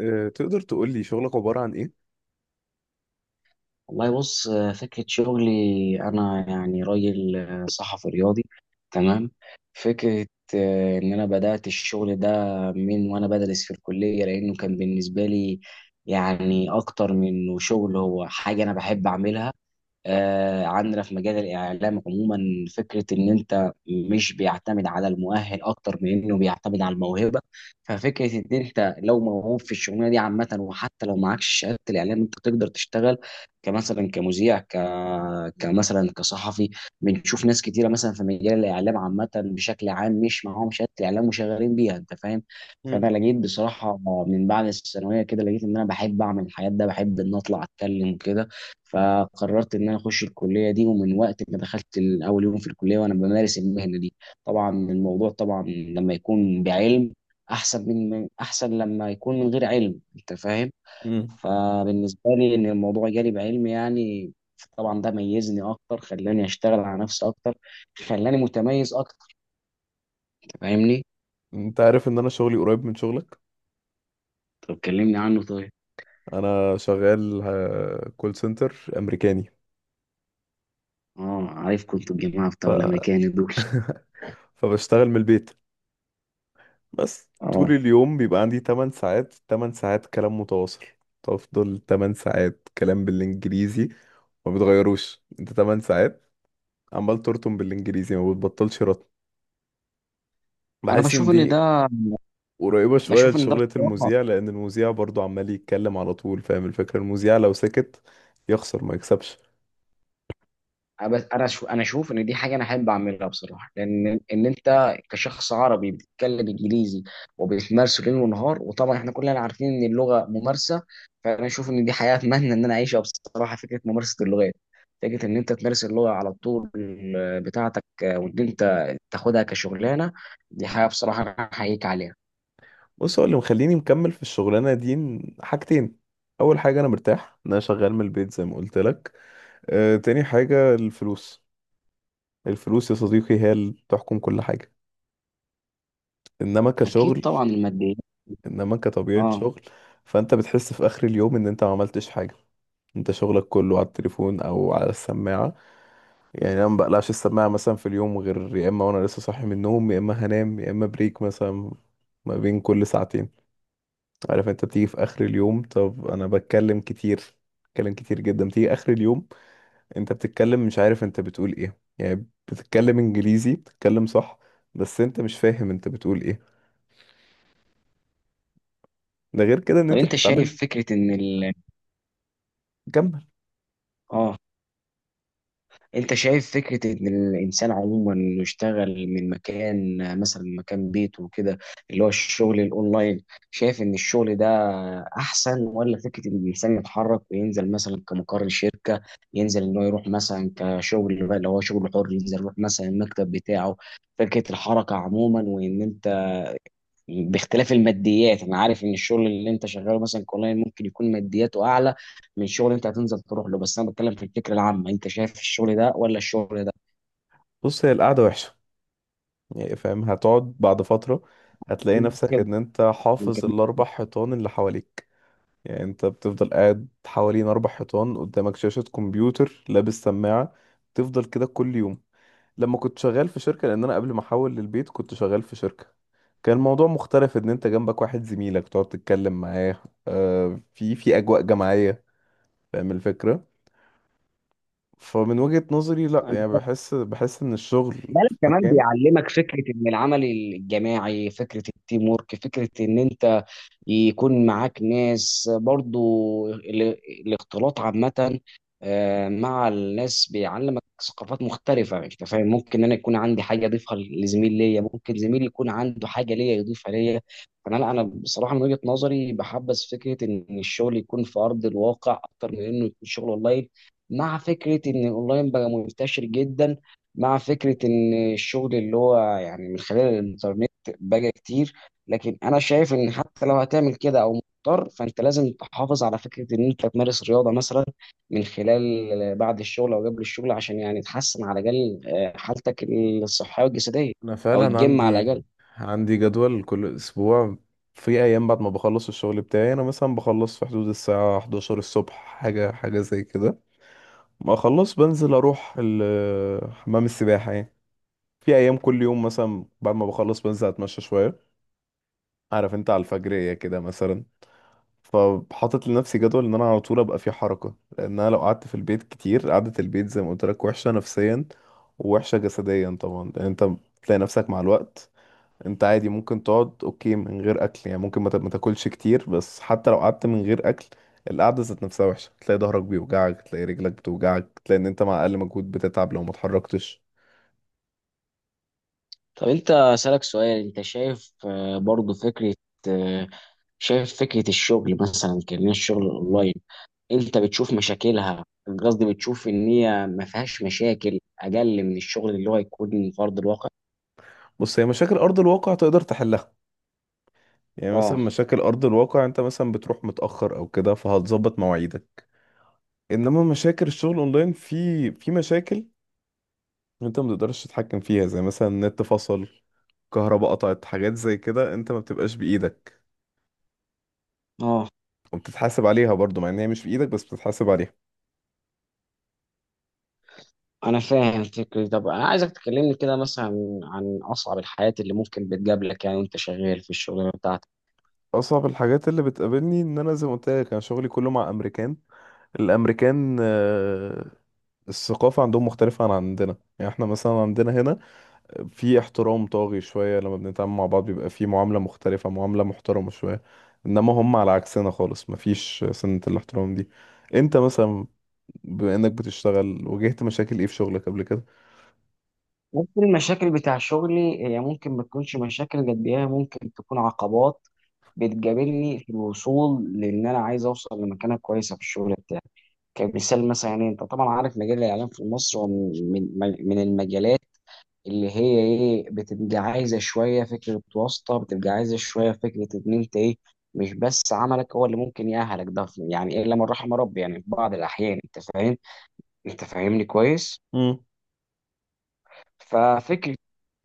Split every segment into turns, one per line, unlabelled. تقدر تقول لي شغلك عبارة عن ايه؟
والله بص، فكرة شغلي. أنا يعني راجل صحفي رياضي. تمام. فكرة إن أنا بدأت الشغل ده من وأنا بدرس في الكلية، لأنه كان بالنسبة لي يعني أكتر من إنه شغل، هو حاجة أنا بحب أعملها. عندنا في مجال الإعلام عموما فكرة إن أنت مش بيعتمد على المؤهل أكتر من إنه بيعتمد على الموهبة. ففكرة إن أنت لو موهوب في الشغلانة دي عامة، وحتى لو معكش شهادة الإعلام أنت تقدر تشتغل، كمثلا كمذيع، كمثلا كصحفي. بنشوف ناس كتيرة مثلا في مجال الإعلام عامة بشكل عام مش معاهم شهادة الإعلام وشغالين بيها، أنت فاهم.
مم.
فأنا لقيت بصراحة من بعد الثانوية كده، لقيت إن أنا بحب أعمل الحاجات ده، بحب إن أطلع أتكلم كده. فقررت ان انا اخش الكليه دي، ومن وقت ما دخلت اول يوم في الكليه وانا بمارس المهنه دي. طبعا الموضوع، طبعا لما يكون بعلم احسن احسن لما يكون من غير علم، انت فاهم.
مم.
فبالنسبه لي ان الموضوع جالي بعلم يعني. طبعا ده ميزني اكتر، خلاني اشتغل على نفسي اكتر، خلاني متميز اكتر. أنت فاهمني؟
انت عارف ان انا شغلي قريب من شغلك.
طب كلمني عنه طيب.
انا شغال كول سنتر امريكاني.
اه، عارف كنت الجماعه
ف...
بتوع الامريكان دول.
فبشتغل من البيت. بس
اه.
طول اليوم بيبقى عندي 8 ساعات، 8 ساعات كلام متواصل. تفضل 8 ساعات كلام بالانجليزي، ما بتغيروش انت، 8 ساعات عمال ترطم بالانجليزي، ما بتبطلش رطم.
انا
بحس ان دي قريبة شوية
بشوف ان ده
لشغلة
بصراحه.
المذيع، لأن المذيع برضو عمال يتكلم على طول. فاهم الفكرة؟ المذيع لو سكت يخسر ما يكسبش.
بس انا شو انا اشوف ان دي حاجه انا احب اعملها بصراحه، لان ان انت كشخص عربي بتتكلم انجليزي وبتمارسه ليل ونهار، وطبعا احنا كلنا عارفين ان اللغه ممارسه. فانا اشوف ان دي حياه اتمنى ان انا اعيشها بصراحه، فكره ممارسه اللغات، فكره ان انت تمارس اللغه على طول بتاعتك، وان انت تاخدها كشغلانه. دي حاجه بصراحه انا احييك عليها.
بص، هو اللي مخليني مكمل في الشغلانة دي حاجتين. أول حاجة، أنا مرتاح إن أنا شغال من البيت زي ما قلت لك. تاني حاجة الفلوس. الفلوس يا صديقي هي اللي بتحكم كل حاجة. إنما
اكيد
كشغل،
طبعا الماديه.
إنما كطبيعة
اه.
شغل، فأنت بتحس في آخر اليوم إن أنت ما عملتش حاجة. أنت شغلك كله على التليفون أو على السماعة. يعني انا ما بقلعش السماعه مثلا في اليوم، غير يا اما وانا لسه صاحي من النوم، يا اما هنام، يا اما بريك مثلا ما بين كل ساعتين. عارف انت بتيجي في اخر اليوم؟ طب انا بتكلم كتير، بتكلم كتير جدا. بتيجي اخر اليوم انت بتتكلم مش عارف انت بتقول ايه. يعني بتتكلم انجليزي، بتتكلم صح، بس انت مش فاهم انت بتقول ايه. ده غير كده ان
طب
انت
انت
بتتعامل.
شايف فكره ان
كمل.
اه، انت شايف فكرة ان الانسان عموما انه يشتغل من مكان، مثلا من مكان بيته وكده، اللي هو الشغل الاونلاين، شايف ان الشغل ده احسن ولا فكرة ان الانسان يتحرك وينزل مثلا كمقر شركة، ينزل ان هو يروح مثلا كشغل بقى اللي هو شغل حر، ينزل يروح مثلا المكتب بتاعه؟ فكرة الحركة عموما وان انت، باختلاف الماديات انا عارف ان الشغل اللي انت شغاله مثلا كونلاين ممكن يكون مادياته اعلى من شغل انت هتنزل تروح له، بس انا بتكلم في الفكره العامه، انت شايف الشغل ده ولا الشغل ده؟
بص، هي القعده وحشه. يعني فاهم، هتقعد بعد فتره هتلاقي نفسك
كده.
ان انت حافظ الاربع حيطان اللي حواليك. يعني انت بتفضل قاعد حوالين اربع حيطان، قدامك شاشة كمبيوتر، لابس سماعة، تفضل كده كل يوم. لما كنت شغال في شركة، لان انا قبل ما احول للبيت كنت شغال في شركة، كان الموضوع مختلف، ان انت جنبك واحد زميلك تقعد تتكلم معاه. في اجواء جماعية. فاهم الفكرة؟ فمن وجهة نظري لا. يعني بحس ان الشغل
لا، لا،
في
كمان
مكان.
بيعلمك فكره ان العمل الجماعي، فكره التيم ورك، فكره ان انت يكون معاك ناس برضو، ال- الاختلاط عامة، مع الناس بيعلمك ثقافات مختلفة، انت فاهم. ممكن انا يكون عندي حاجة اضيفها لزميل ليا، ممكن زميلي يكون عنده حاجة ليا يضيفها ليا. فانا لا، انا بصراحة من وجهة نظري بحبذ فكرة ان الشغل يكون في ارض الواقع اكتر من انه يكون شغل اونلاين، مع فكرة ان الاونلاين بقى منتشر جدا، مع فكرة ان الشغل اللي هو يعني من خلال الانترنت بقى كتير. لكن انا شايف ان حتى لو هتعمل كده او مضطر، فانت لازم تحافظ على فكره ان انت تمارس رياضه مثلا، من خلال بعد الشغل او قبل الشغل، عشان يعني تحسن على الاقل حالتك الصحيه والجسديه،
انا
او
فعلا
الجيم على
عندي،
الاقل.
عندي جدول كل اسبوع. في ايام بعد ما بخلص الشغل بتاعي انا مثلا بخلص في حدود الساعة 11 الصبح، حاجة حاجة زي كده، ما اخلص بنزل اروح حمام السباحة يعني. في ايام كل يوم مثلا بعد ما بخلص بنزل اتمشى شوية، عارف انت، على الفجرية كده مثلا. فحاطط لنفسي جدول ان انا على طول ابقى في حركة، لان انا لو قعدت في البيت كتير، قعدة البيت زي ما قلت لك وحشة نفسيا ووحشة جسديا طبعا. لان انت بتلاقي نفسك مع الوقت انت عادي ممكن تقعد، اوكي من غير اكل، يعني ممكن ما تاكلش كتير. بس حتى لو قعدت من غير اكل، القعده ذات نفسها وحشه. تلاقي ظهرك بيوجعك، تلاقي رجلك بتوجعك، تلاقي ان انت مع اقل مجهود بتتعب لو ما اتحركتش.
طب انت اسالك سؤال، انت شايف برضو فكره، آه، شايف فكره الشغل مثلا كان الشغل الاونلاين، انت بتشوف مشاكلها؟ قصدي بتشوف ان هي ما فيهاش مشاكل اقل من الشغل اللي هو يكون فرض الواقع؟
بص، هي مشاكل ارض الواقع تقدر تحلها. يعني مثلا
اه.
مشاكل ارض الواقع انت مثلا بتروح متاخر او كده، فهتظبط مواعيدك. انما مشاكل الشغل اونلاين في مشاكل انت ما تقدرش تتحكم فيها، زي مثلا النت فصل، كهرباء قطعت، حاجات زي كده انت ما بتبقاش بايدك،
اه،
وبتتحاسب عليها برضو مع ان هي مش في ايدك، بس بتتحاسب عليها.
انا فاهم فكرة. طب انا عايزك تكلمني كده مثلا عن اصعب الحالات اللي ممكن بتقابلك، يعني وانت شغال في الشغلانه بتاعتك.
اصعب الحاجات اللي بتقابلني ان انا زي ما قلت لك، انا شغلي كله مع امريكان. الامريكان، الثقافة عندهم مختلفة عن عندنا. يعني احنا مثلا عندنا هنا في احترام طاغي شوية، لما بنتعامل مع بعض بيبقى في معاملة مختلفة، معاملة محترمة شوية، انما هم على عكسنا خالص، مفيش سنة الاحترام دي. انت مثلا بما انك بتشتغل، واجهت مشاكل ايه في شغلك قبل كده؟
ممكن المشاكل بتاع شغلي هي ممكن ما تكونش مشاكل قد ايه، هي ممكن تكون عقبات بتقابلني في الوصول، لان انا عايز اوصل لمكانه كويسه في الشغل بتاعي. كمثال مثلا، يعني انت طبعا عارف مجال الاعلام في مصر هو من المجالات اللي هي ايه، بتبقى عايزه شويه فكره واسطه، بتبقى عايزه شويه فكره ان انت ايه، مش بس عملك هو اللي ممكن يأهلك ده، يعني إيه الا من رحم ربي يعني، في بعض الاحيان، انت فاهم. انت فاهمني كويس. ففكره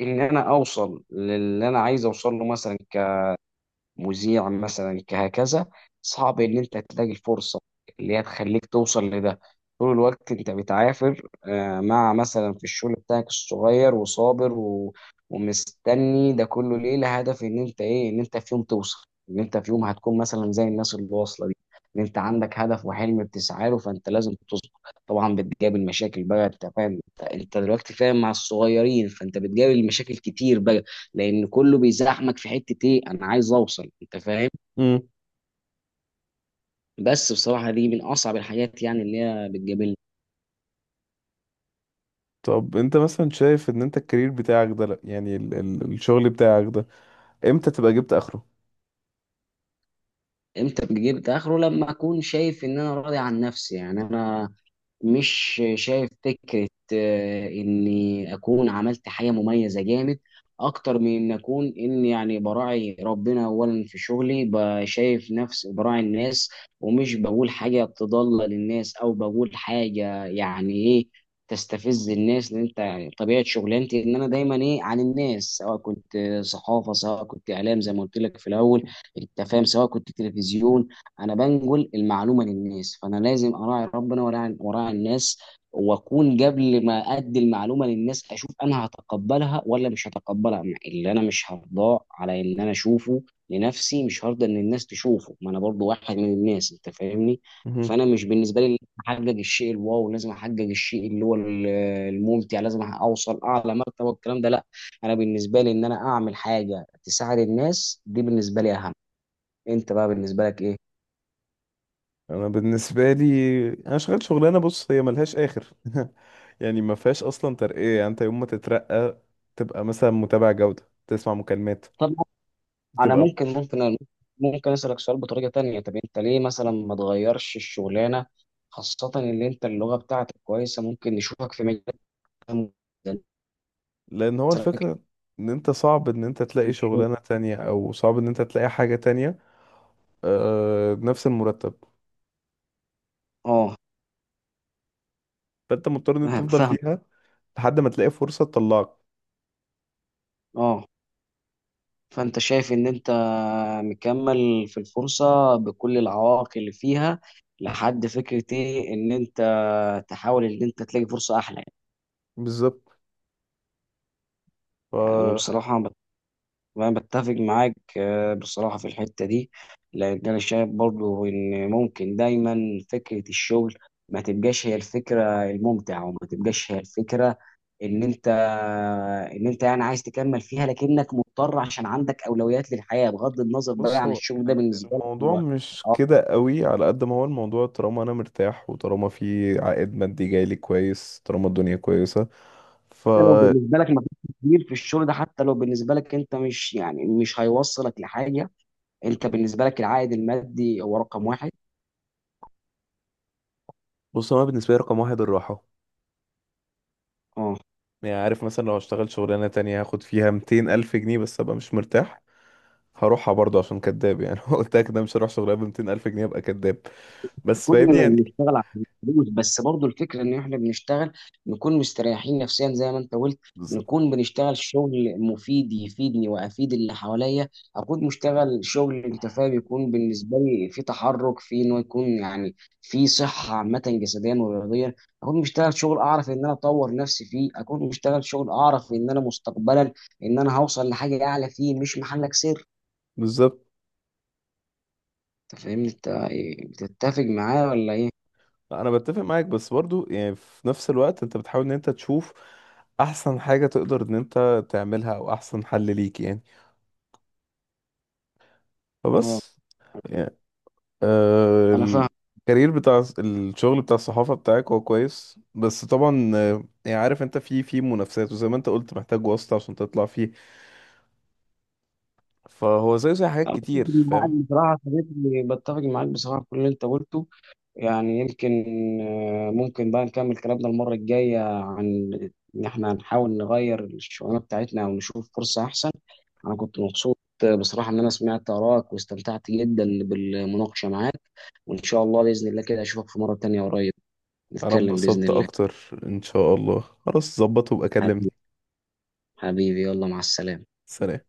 ان انا اوصل للي انا عايز اوصل له، مثلا مذيع مثلا كهكذا، صعب ان انت تلاقي الفرصه اللي هي تخليك توصل لده. طول الوقت انت بتعافر مع مثلا في الشغل بتاعك الصغير، وصابر ومستني ده كله ليه، لهدف ان انت ايه، ان انت في يوم توصل، ان انت في يوم هتكون مثلا زي الناس اللي واصله دي، ان انت عندك هدف وحلم بتسعى له، فانت لازم تصبر. طبعا بتقابل مشاكل بقى، انت فاهم. انت دلوقتي فاهم مع الصغيرين، فانت بتقابل مشاكل كتير بقى، لان كله بيزحمك في حته ايه، انا عايز اوصل، انت فاهم.
امم.
بس بصراحه دي من اصعب الحاجات يعني اللي هي بتقابلني.
طب انت مثلا شايف ان انت الكارير بتاعك ده، لا يعني ال الشغل بتاعك ده، امتى تبقى جبت اخره؟
امتى بجيب اخره؟ لما اكون شايف ان انا راضي عن نفسي. يعني انا مش شايف فكرة إني أكون عملت حاجة مميزة جامد أكتر من إن أكون، إن يعني براعي ربنا أولا في شغلي، بشايف نفس براعي الناس، ومش بقول حاجة تضل للناس، أو بقول حاجة يعني إيه تستفز الناس. لأن أنت يعني طبيعة شغلانتي إن أنا دايما إيه عن الناس، سواء كنت صحافة، سواء كنت إعلام زي ما قلت لك في الأول، أنت فاهم، سواء كنت تلفزيون. انا بنقل المعلومه للناس، فانا لازم اراعي ربنا، وراعي الناس. واكون قبل ما ادي المعلومه للناس اشوف انا هتقبلها ولا مش هتقبلها. اللي انا مش هرضاه على ان انا اشوفه لنفسي، مش هرضى ان الناس تشوفه، ما انا برضو واحد من الناس، انت فاهمني.
مهم.
فانا مش بالنسبه لي لازم احقق الشيء الواو، لازم احقق الشيء اللي هو الممتع، لازم اوصل اعلى مرتبه والكلام ده، لا. انا بالنسبه لي ان انا اعمل حاجه تساعد الناس، دي بالنسبه لي اهم. انت بقى بالنسبه لك ايه؟
انا بالنسبه لي، انا شغال شغلانه، بص هي ملهاش اخر يعني ما فيهاش اصلا ترقيه. يعني انت يوم ما تترقى تبقى مثلا متابع جوده، تسمع مكالمات،
انا
تبقى.
ممكن، ممكن اسالك سؤال بطريقه تانية، طب انت ليه مثلا ما تغيرش الشغلانه، خاصه ان انت اللغه بتاعتك كويسه، ممكن نشوفك في مجال أهم جداً.
لان هو
مثلاً.
الفكره ان انت صعب ان انت تلاقي شغلانه تانية، او صعب ان انت تلاقي حاجه تانية بنفس المرتب.
اه،
فانت مضطر ان انت
فاهم
تفضل
فاهم.
فيها لحد ما تلاقي فرصه تطلعك.
اه. فانت شايف ان انت مكمل في الفرصه بكل العوائق اللي فيها، لحد فكرة ايه ان انت تحاول ان انت تلاقي فرصه احلى يعني.
بالظبط.
يعني انا
ف
بصراحه، وانا بتفق معاك بصراحة في الحتة دي، لأن أنا شايف برضو إن ممكن دايما فكرة الشغل ما تبقاش هي الفكرة الممتعة، وما تبقاش هي الفكرة، إن أنت إن أنت يعني عايز تكمل فيها لكنك مضطر عشان عندك أولويات للحياة، بغض النظر بقى
بص،
عن
هو
الشغل ده بالنسبة لك
الموضوع
هو.
مش
أو
كده قوي. على قد ما هو الموضوع، طالما انا مرتاح وطالما في عائد مادي جايلي كويس، طالما الدنيا كويسة. ف
حتى لو بالنسبة لك ما فيش كبير في الشغل ده، حتى لو بالنسبة لك أنت مش، يعني مش هيوصلك لحاجة، أنت بالنسبة لك العائد المادي هو رقم واحد.
بص، انا بالنسبة لي رقم واحد الراحة.
اه.
يعني عارف مثلا لو هشتغل شغلانة تانية هاخد فيها 200 ألف جنيه بس أبقى مش مرتاح، هروحها برضه عشان كداب. يعني قلت لك ده مش هروح شغلانة ب 200 ألف جنيه أبقى كداب. بس فاهمني
كلنا
يعني.
بنشتغل عشان الفلوس، بس برضو الفكره ان احنا بنشتغل نكون مستريحين نفسيا زي ما انت قلت،
بالظبط.
نكون بنشتغل شغل مفيد يفيدني وافيد اللي حواليا، اكون مشتغل شغل، انت فاهم، يكون بالنسبه لي في تحرك، في انه يكون يعني في صحه عامه جسديا ورياضيا، اكون مشتغل شغل اعرف ان انا اطور نفسي فيه، اكون مشتغل شغل اعرف ان انا مستقبلا ان انا هوصل لحاجه اعلى فيه، مش محلك سر.
بالظبط.
انت فاهمني، انت إيه، بتتفق معايا ولا ايه؟
أنا بتفق معاك، بس برضه يعني في نفس الوقت أنت بتحاول إن أنت تشوف أحسن حاجة تقدر إن أنت تعملها، أو أحسن حل ليك يعني.
اه،
فبس يعني،
انا فاهم.
الكارير بتاع الشغل بتاع الصحافة بتاعك هو كويس، بس طبعا، يعني عارف انت في منافسات، وزي ما انت قلت محتاج واسطة عشان تطلع فيه. فهو زي حاجات
أنا
كتير
بتفق معاك
فاهم.
بصراحة يا صديقي، بتفق معاك بصراحة في كل اللي أنت قلته. يعني يمكن ممكن بقى نكمل كلامنا المرة الجاية عن إن إحنا هنحاول نغير الشغلانة بتاعتنا أو نشوف فرصة أحسن. أنا كنت مبسوط بصراحة إن أنا سمعت آرائك واستمتعت جدا بالمناقشة معاك، وإن شاء الله بإذن الله كده أشوفك في مرة تانية قريب،
انا
نتكلم بإذن
اتبسطت
الله.
اكتر. ان شاء الله خلاص ظبط، وابقى كلمني.
حبيبي، حبيبي، يلا مع السلامة.
سلام.